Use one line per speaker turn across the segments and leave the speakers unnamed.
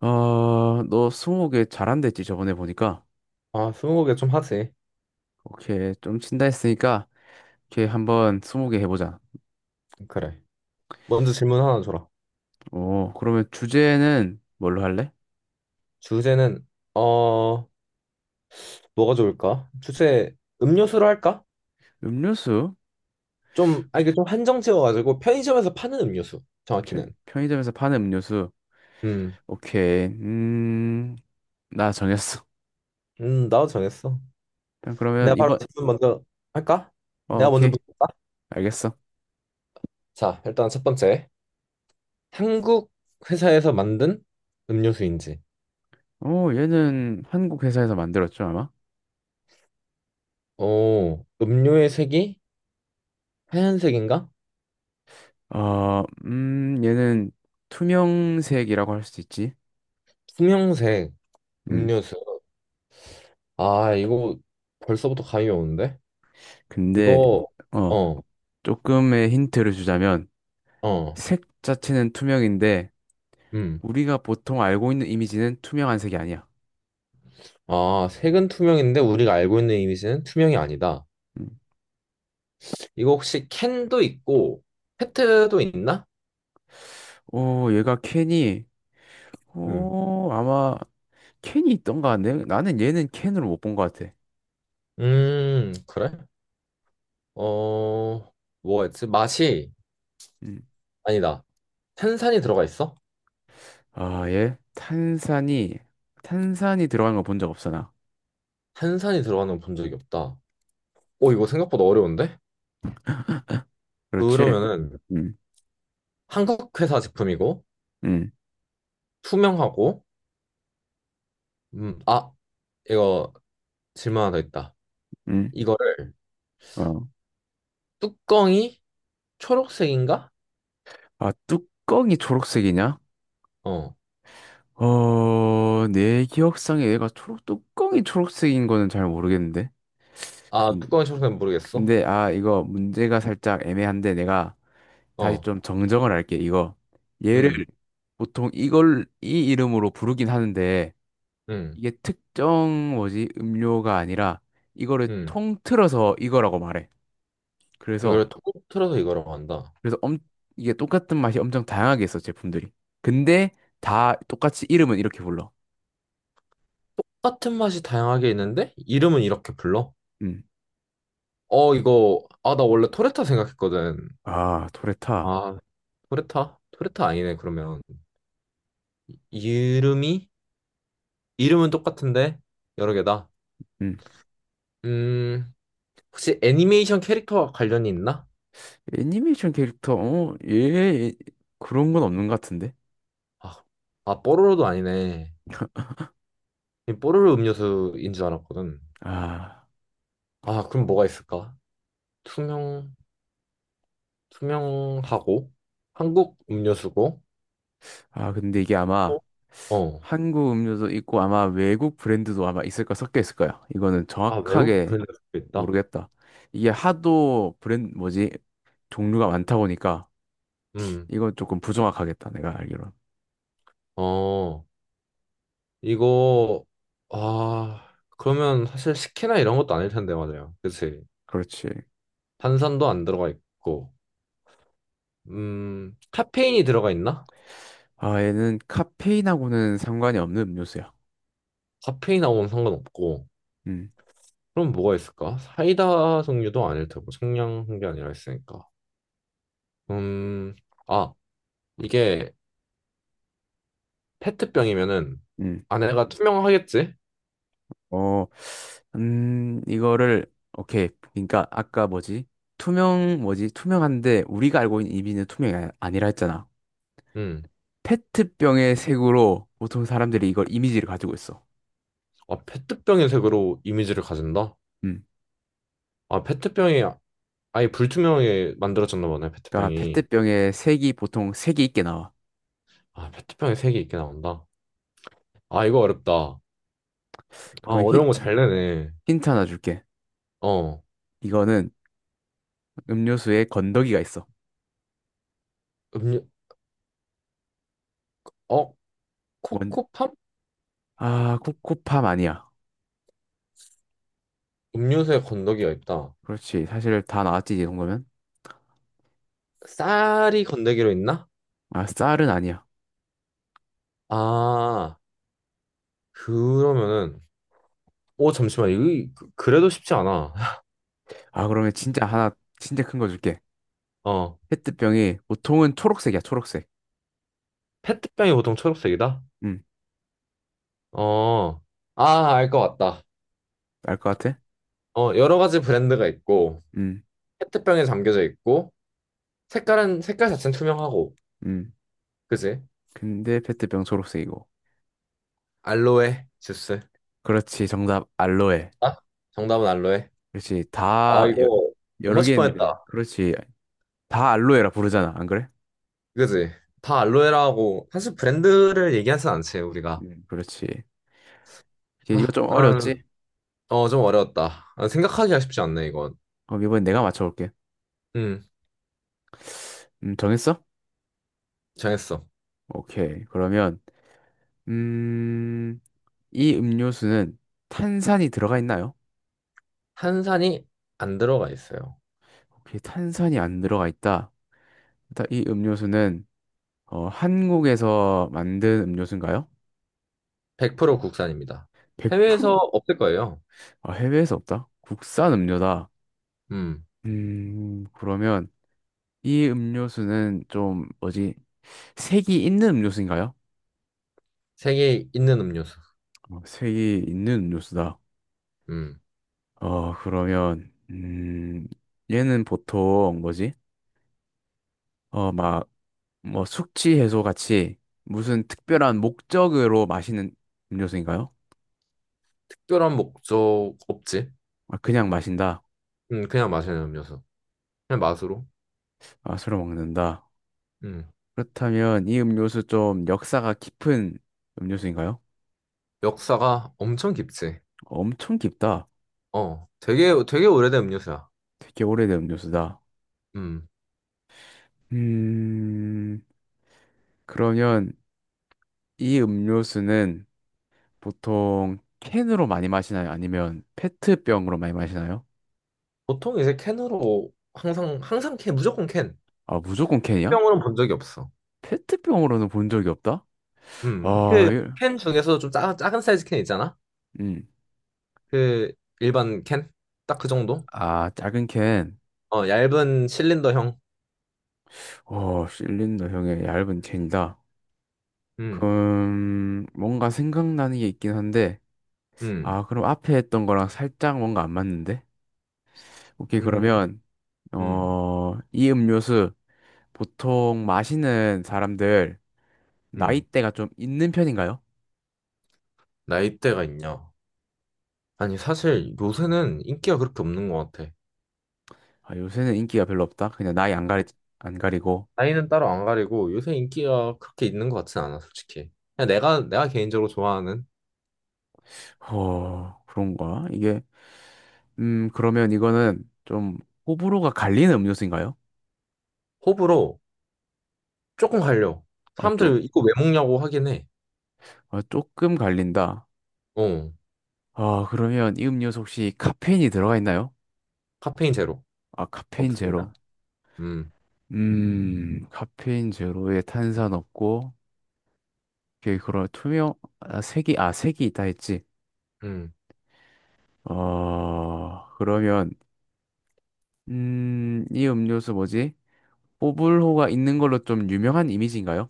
어, 너 스무고개 잘한댔지 저번에 보니까.
아, 스무고개 좀 하지.
오케이, 좀 친다 했으니까 오케이 한번 스무고개 해보자.
그래. 먼저 질문 하나 줘라.
오, 그러면 주제는 뭘로 할래?
주제는 어 뭐가 좋을까? 주제 음료수로 할까?
음료수?
좀 아, 이게 좀 한정 지어가지고 편의점에서 파는 음료수 정확히는.
편의점에서 파는 음료수.
음,
오케이, 나 정했어.
나도 정했어.
일단 그러면
내가 바로
이번,
질문 먼저 할까?
어,
내가 먼저
오케이,
묻을까?
알겠어.
자, 일단 첫 번째. 한국 회사에서 만든 음료수인지.
오, 얘는 한국 회사에서 만들었죠 아마?
오, 음료의 색이 하얀색인가?
어, 얘는 투명색이라고 할 수 있지.
투명색
음,
음료수. 아, 이거 벌써부터 감이 오는데?
근데
이거
어,
어,
조금의 힌트를 주자면.
어,
색 자체는 투명인데
음.
우리가 보통 알고 있는 이미지는 투명한 색이 아니야.
아, 색은 투명인데 우리가 알고 있는 이미지는 투명이 아니다.
음.
이거 혹시 캔도 있고 페트도 있나?
오, 얘가 캔이
음.
오, 아마 캔이 있던가? 나는 얘는 캔으로 못 본 것 같아.
그래? 어, 뭐였지? 맛이
음.
아니다. 탄산이 들어가 있어?
아, 얘 탄산이 탄산이 들어간 거 본 적 없어 나.
탄산이 들어가는 건 본 적이 없다. 오, 이거 생각보다 어려운데?
그렇지?
그러면은
음.
한국 회사 제품이고
음.
투명하고 아, 이거 질문 하나 더 있다.
음.
이거를
어.
뚜껑이 초록색인가?
아, 뚜껑이 초록색이냐?
어.
어, 내 기억상에 얘가 초록 뚜껑이 초록색인 거는 잘 모르겠는데.
아,
근-
뚜껑이 청소는 모르겠어?
근데 아 이거 문제가 살짝 애매한데 내가 다시
어,
좀 정정을 할게, 이거. 얘를
음,
보통 이걸, 이 이름으로 부르긴 하는데,
음,
이게 특정 뭐지, 음료가 아니라, 이거를
음.
통틀어서 이거라고 말해. 그래서,
이걸 통틀어서 이거라고 한다.
그래서 엄, 이게 똑같은 맛이 엄청 다양하게 있어, 제품들이. 근데 다 똑같이 이름은 이렇게 불러.
똑같은 맛이 다양하게 있는데, 이름은 이렇게 불러?
음.
어, 이거, 아, 나 원래 토레타 생각했거든.
아, 토레타.
아, 토레타? 토레타 아니네, 그러면. 이름이? 이름은 똑같은데, 여러 개다.
음.
음, 혹시 애니메이션 캐릭터와 관련이 있나?
애니메이션 캐릭터, 어, 얘, 얘- 그런 건 없는 것 같은데?
아, 아, 뽀로로도 아니네. 이 뽀로로 음료수인 줄 알았거든.
아.
아, 그럼 뭐가 있을까? 투명, 투명하고 한국 음료수고
아, 근데 이게 아마
어? 어.
한국 음료도 있고 아마 외국 브랜드도 아마 있을 거 섞여 있을 거야. 이거는
아, 외국
정확하게
브랜드도 있다.
모르겠다. 이게 하도 브랜드 뭐지? 종류가 많다 보니까
음.
이건 조금 부정확하겠다. 내가 알기로는.
어. 이거 아, 그러면 사실 스키나 이런 것도 아닐 텐데 맞아요. 그치
그렇지.
탄산도 안 들어가 있고. 카페인이 들어가 있나?
아, 얘는 카페인하고는 상관이 없는 음료수야.
카페인하고는 상관없고.
음.
그럼 뭐가 있을까? 사이다 종류도 아닐 테고 청량한 게 아니라 있으니까. 음. 아, 이게 페트병이면은
음.
안에가 투명하겠지?
어. 이거를 오케이. 그러니까 아까 뭐지? 투명 뭐지? 투명한데 우리가 알고 있는 이비는 투명이 아니라 했잖아.
음.
페트병의 색으로 보통 사람들이 이걸 이미지를 가지고 있어.
아, 페트병의 색으로 이미지를 가진다?
음.
아, 페트병이 아예 불투명하게 만들어졌나 보네,
그러니까
페트병이.
페트병의 색이 보통 색이 있게 나와.
아, 페트병의 색이 있게 나온다. 아, 이거 어렵다. 아,
그러면
어려운 거 잘 내네.
힌트 하나 줄게.
어,
이거는 음료수에 건더기가 있어.
음료, 어,
뭔,
코코팜?
아, 코코팜 아니야.
음료수에 건더기가 있다.
그렇지. 사실 다 나왔지, 이 정도면.
쌀이 건더기로 있나?
아, 쌀은 아니야.
아, 그러면은, 오, 잠시만, 이거, 그- 그래도 쉽지 않아.
아, 그러면 진짜 하나, 진짜 큰 거 줄게.
어,
페트병이 보통은 초록색이야, 초록색.
페트병이 보통 초록색이다?
음,
어, 아, 알 것 같다.
알 것 같아?
어, 여러 가지 브랜드가 있고,
음,
페트병에 담겨져 있고 색깔은 색깔 자체는 투명하고
음.
그지?
근데 페트병 초록색이고.
알로에 주스.
그렇지, 정답, 알로에.
아? 정답은 알로에.
그렇지.
아
다 여,
이거 못
여러
맞출 뻔했다.
개인데. 그렇지. 다 알로에라 부르잖아. 안 그래?
그지? 다 알로에라고 사실 브랜드를 얘기하진 않지 우리가.
그렇지. 이제 이거
아,
좀
나는
어렵지?
어좀 어려웠다. 아, 생각하기가 쉽지 않네 이건.
그럼 이번엔 내가 맞춰볼게.
음
정했어?
정했어.
오케이. 그러면 음, 이 음료수는 탄산이 들어가 있나요?
한산이 안 들어가 있어요.
오케이. 탄산이 안 들어가 있다. 일단 이 음료수는 어, 한국에서 만든 음료수인가요?
100% 국산입니다. 해외에서
100%.
없을 거예요.
아, 해외에서 없다. 국산 음료다.
음
그러면 이 음료수는 좀 뭐지? 색이 있는 음료수인가요?
세계에 있는 음료수.
어, 색이 있는 음료수다.
음
어, 그러면 얘는 보통 뭐지? 어, 막 뭐 숙취 해소 같이 무슨 특별한 목적으로 마시는 음료수인가요?
특별한 목적 없지.
아, 그냥 마신다.
그냥 마시는 음료수. 그냥 맛으로.
아, 술을 먹는다.
음.
그렇다면 이 음료수 좀 역사가 깊은 음료수인가요?
역사가 엄청 깊지.
엄청 깊다.
어. 되게 오래된 음료수야.
되게 오래된 음료수다.
음.
음, 그러면 이 음료수는 보통 캔으로 많이 마시나요? 아니면 페트병으로 많이 마시나요?
보통 이제 캔으로 항상 캔 무조건 캔.
아, 무조건 캔이야?
캔병으로는 본 적이 없어.
페트병으로는 본 적이 없다?
음.
아,
그
이-
캔 중에서 작은 사이즈 캔 있잖아.
음.
그 일반 캔? 딱 그 정도?
아, 작은 캔.
어, 얇은 실린더형.
어, 실린더형의 얇은 캔이다.
음.
그럼 뭔가 생각나는 게 있긴 한데
음.
아, 그럼 앞에 했던 거랑 살짝 뭔가 안 맞는데? 오케이,
음.
그러면
음.
어, 이 음료수 보통 마시는 사람들
음.
나이대가 좀 있는 편인가요?
나이대가 있냐? 아니 사실 요새는 인기가 그렇게 없는 것 같아.
아, 요새는 인기가 별로 없다. 그냥 나이 안 가리고.
나이는 따로 안 가리고 요새 인기가 그렇게 있는 것 같진 않아, 솔직히. 그냥 내가 개인적으로 좋아하는
허, 그런가? 이게, 그러면 이거는 좀 호불호가 갈리는 음료수인가요?
호불호 조금 갈려.
아, 쪼,
사람들 이거 왜 먹냐고 하긴 해.
아, 조금 갈린다.
어,
아, 그러면 이 음료수 혹시 카페인이 들어가 있나요?
카페인 제로.
아, 카페인 제로.
없습니다. 음,
카페인 제로에 탄산 없고, 이게 그런 투명, 아, 색이, 아, 색이 있다 했지.
음.
어, 그러면, 이 음료수 뭐지? 뽀블호가 있는 걸로 좀 유명한 이미지인가요?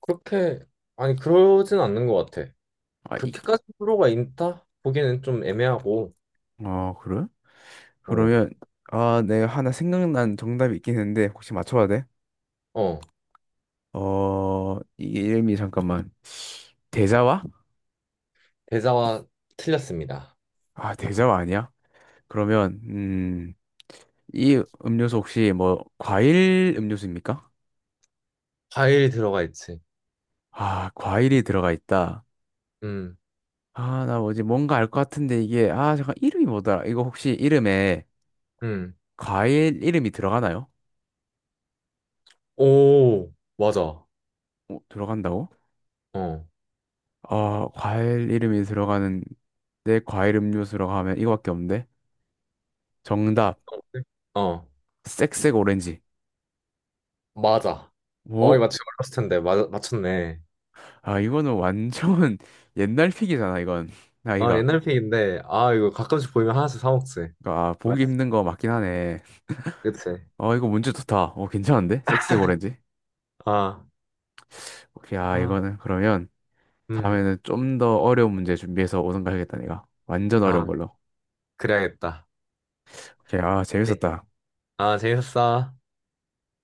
그렇게, 아니, 그러진 않는 것 같아.
아, 있,
그렇게까지 호불호가 있다? 보기에는 좀 애매하고,
아, 그래?
어,
그러면, 아, 내가 하나 생각난 정답이 있긴 했는데, 혹시 맞춰봐도 돼?
어,
어, 이 이름이 잠깐만. 대자와?
대자와 틀렸습니다.
아, 대자와 아니야? 그러면, 이 음료수 혹시 뭐, 과일 음료수입니까?
과일이 들어가 있지.
아, 과일이 들어가 있다.
음,
아, 나 뭐지, 뭔가 알 것 같은데 이게, 아, 잠깐, 이름이 뭐더라? 이거 혹시 이름에
음.
과일 이름이 들어가나요?
오, 맞아.
어, 들어간다고?
어.
아, 과일 이름이 들어가는 내 과일 음료수라고 하면 이거밖에 없는데? 정답.
어.
색색 오렌지.
맞아. 어, 이거
오!
맞추기 어려웠을 텐데. 맞췄네.
아, 이거는 완전 옛날 픽이잖아, 이건.
어,
나이가.
옛날 픽인데, 아, 이거 가끔씩 보이면 하나씩 사먹지.
그러니까, 아,
맞,
보기 힘든 거 맞긴 하네.
그치?
어, 이거 문제 좋다. 어, 괜찮은데? 색색 오렌지.
아,
오케이, 아,
아,
이거는 그러면
음,
다음에는 좀 더 어려운 문제 준비해서 오는 거 해야겠다, 내가. 완전 어려운
아,
걸로.
그래야겠다.
오케이, 아,
네.
재밌었다.
아, 재밌었어.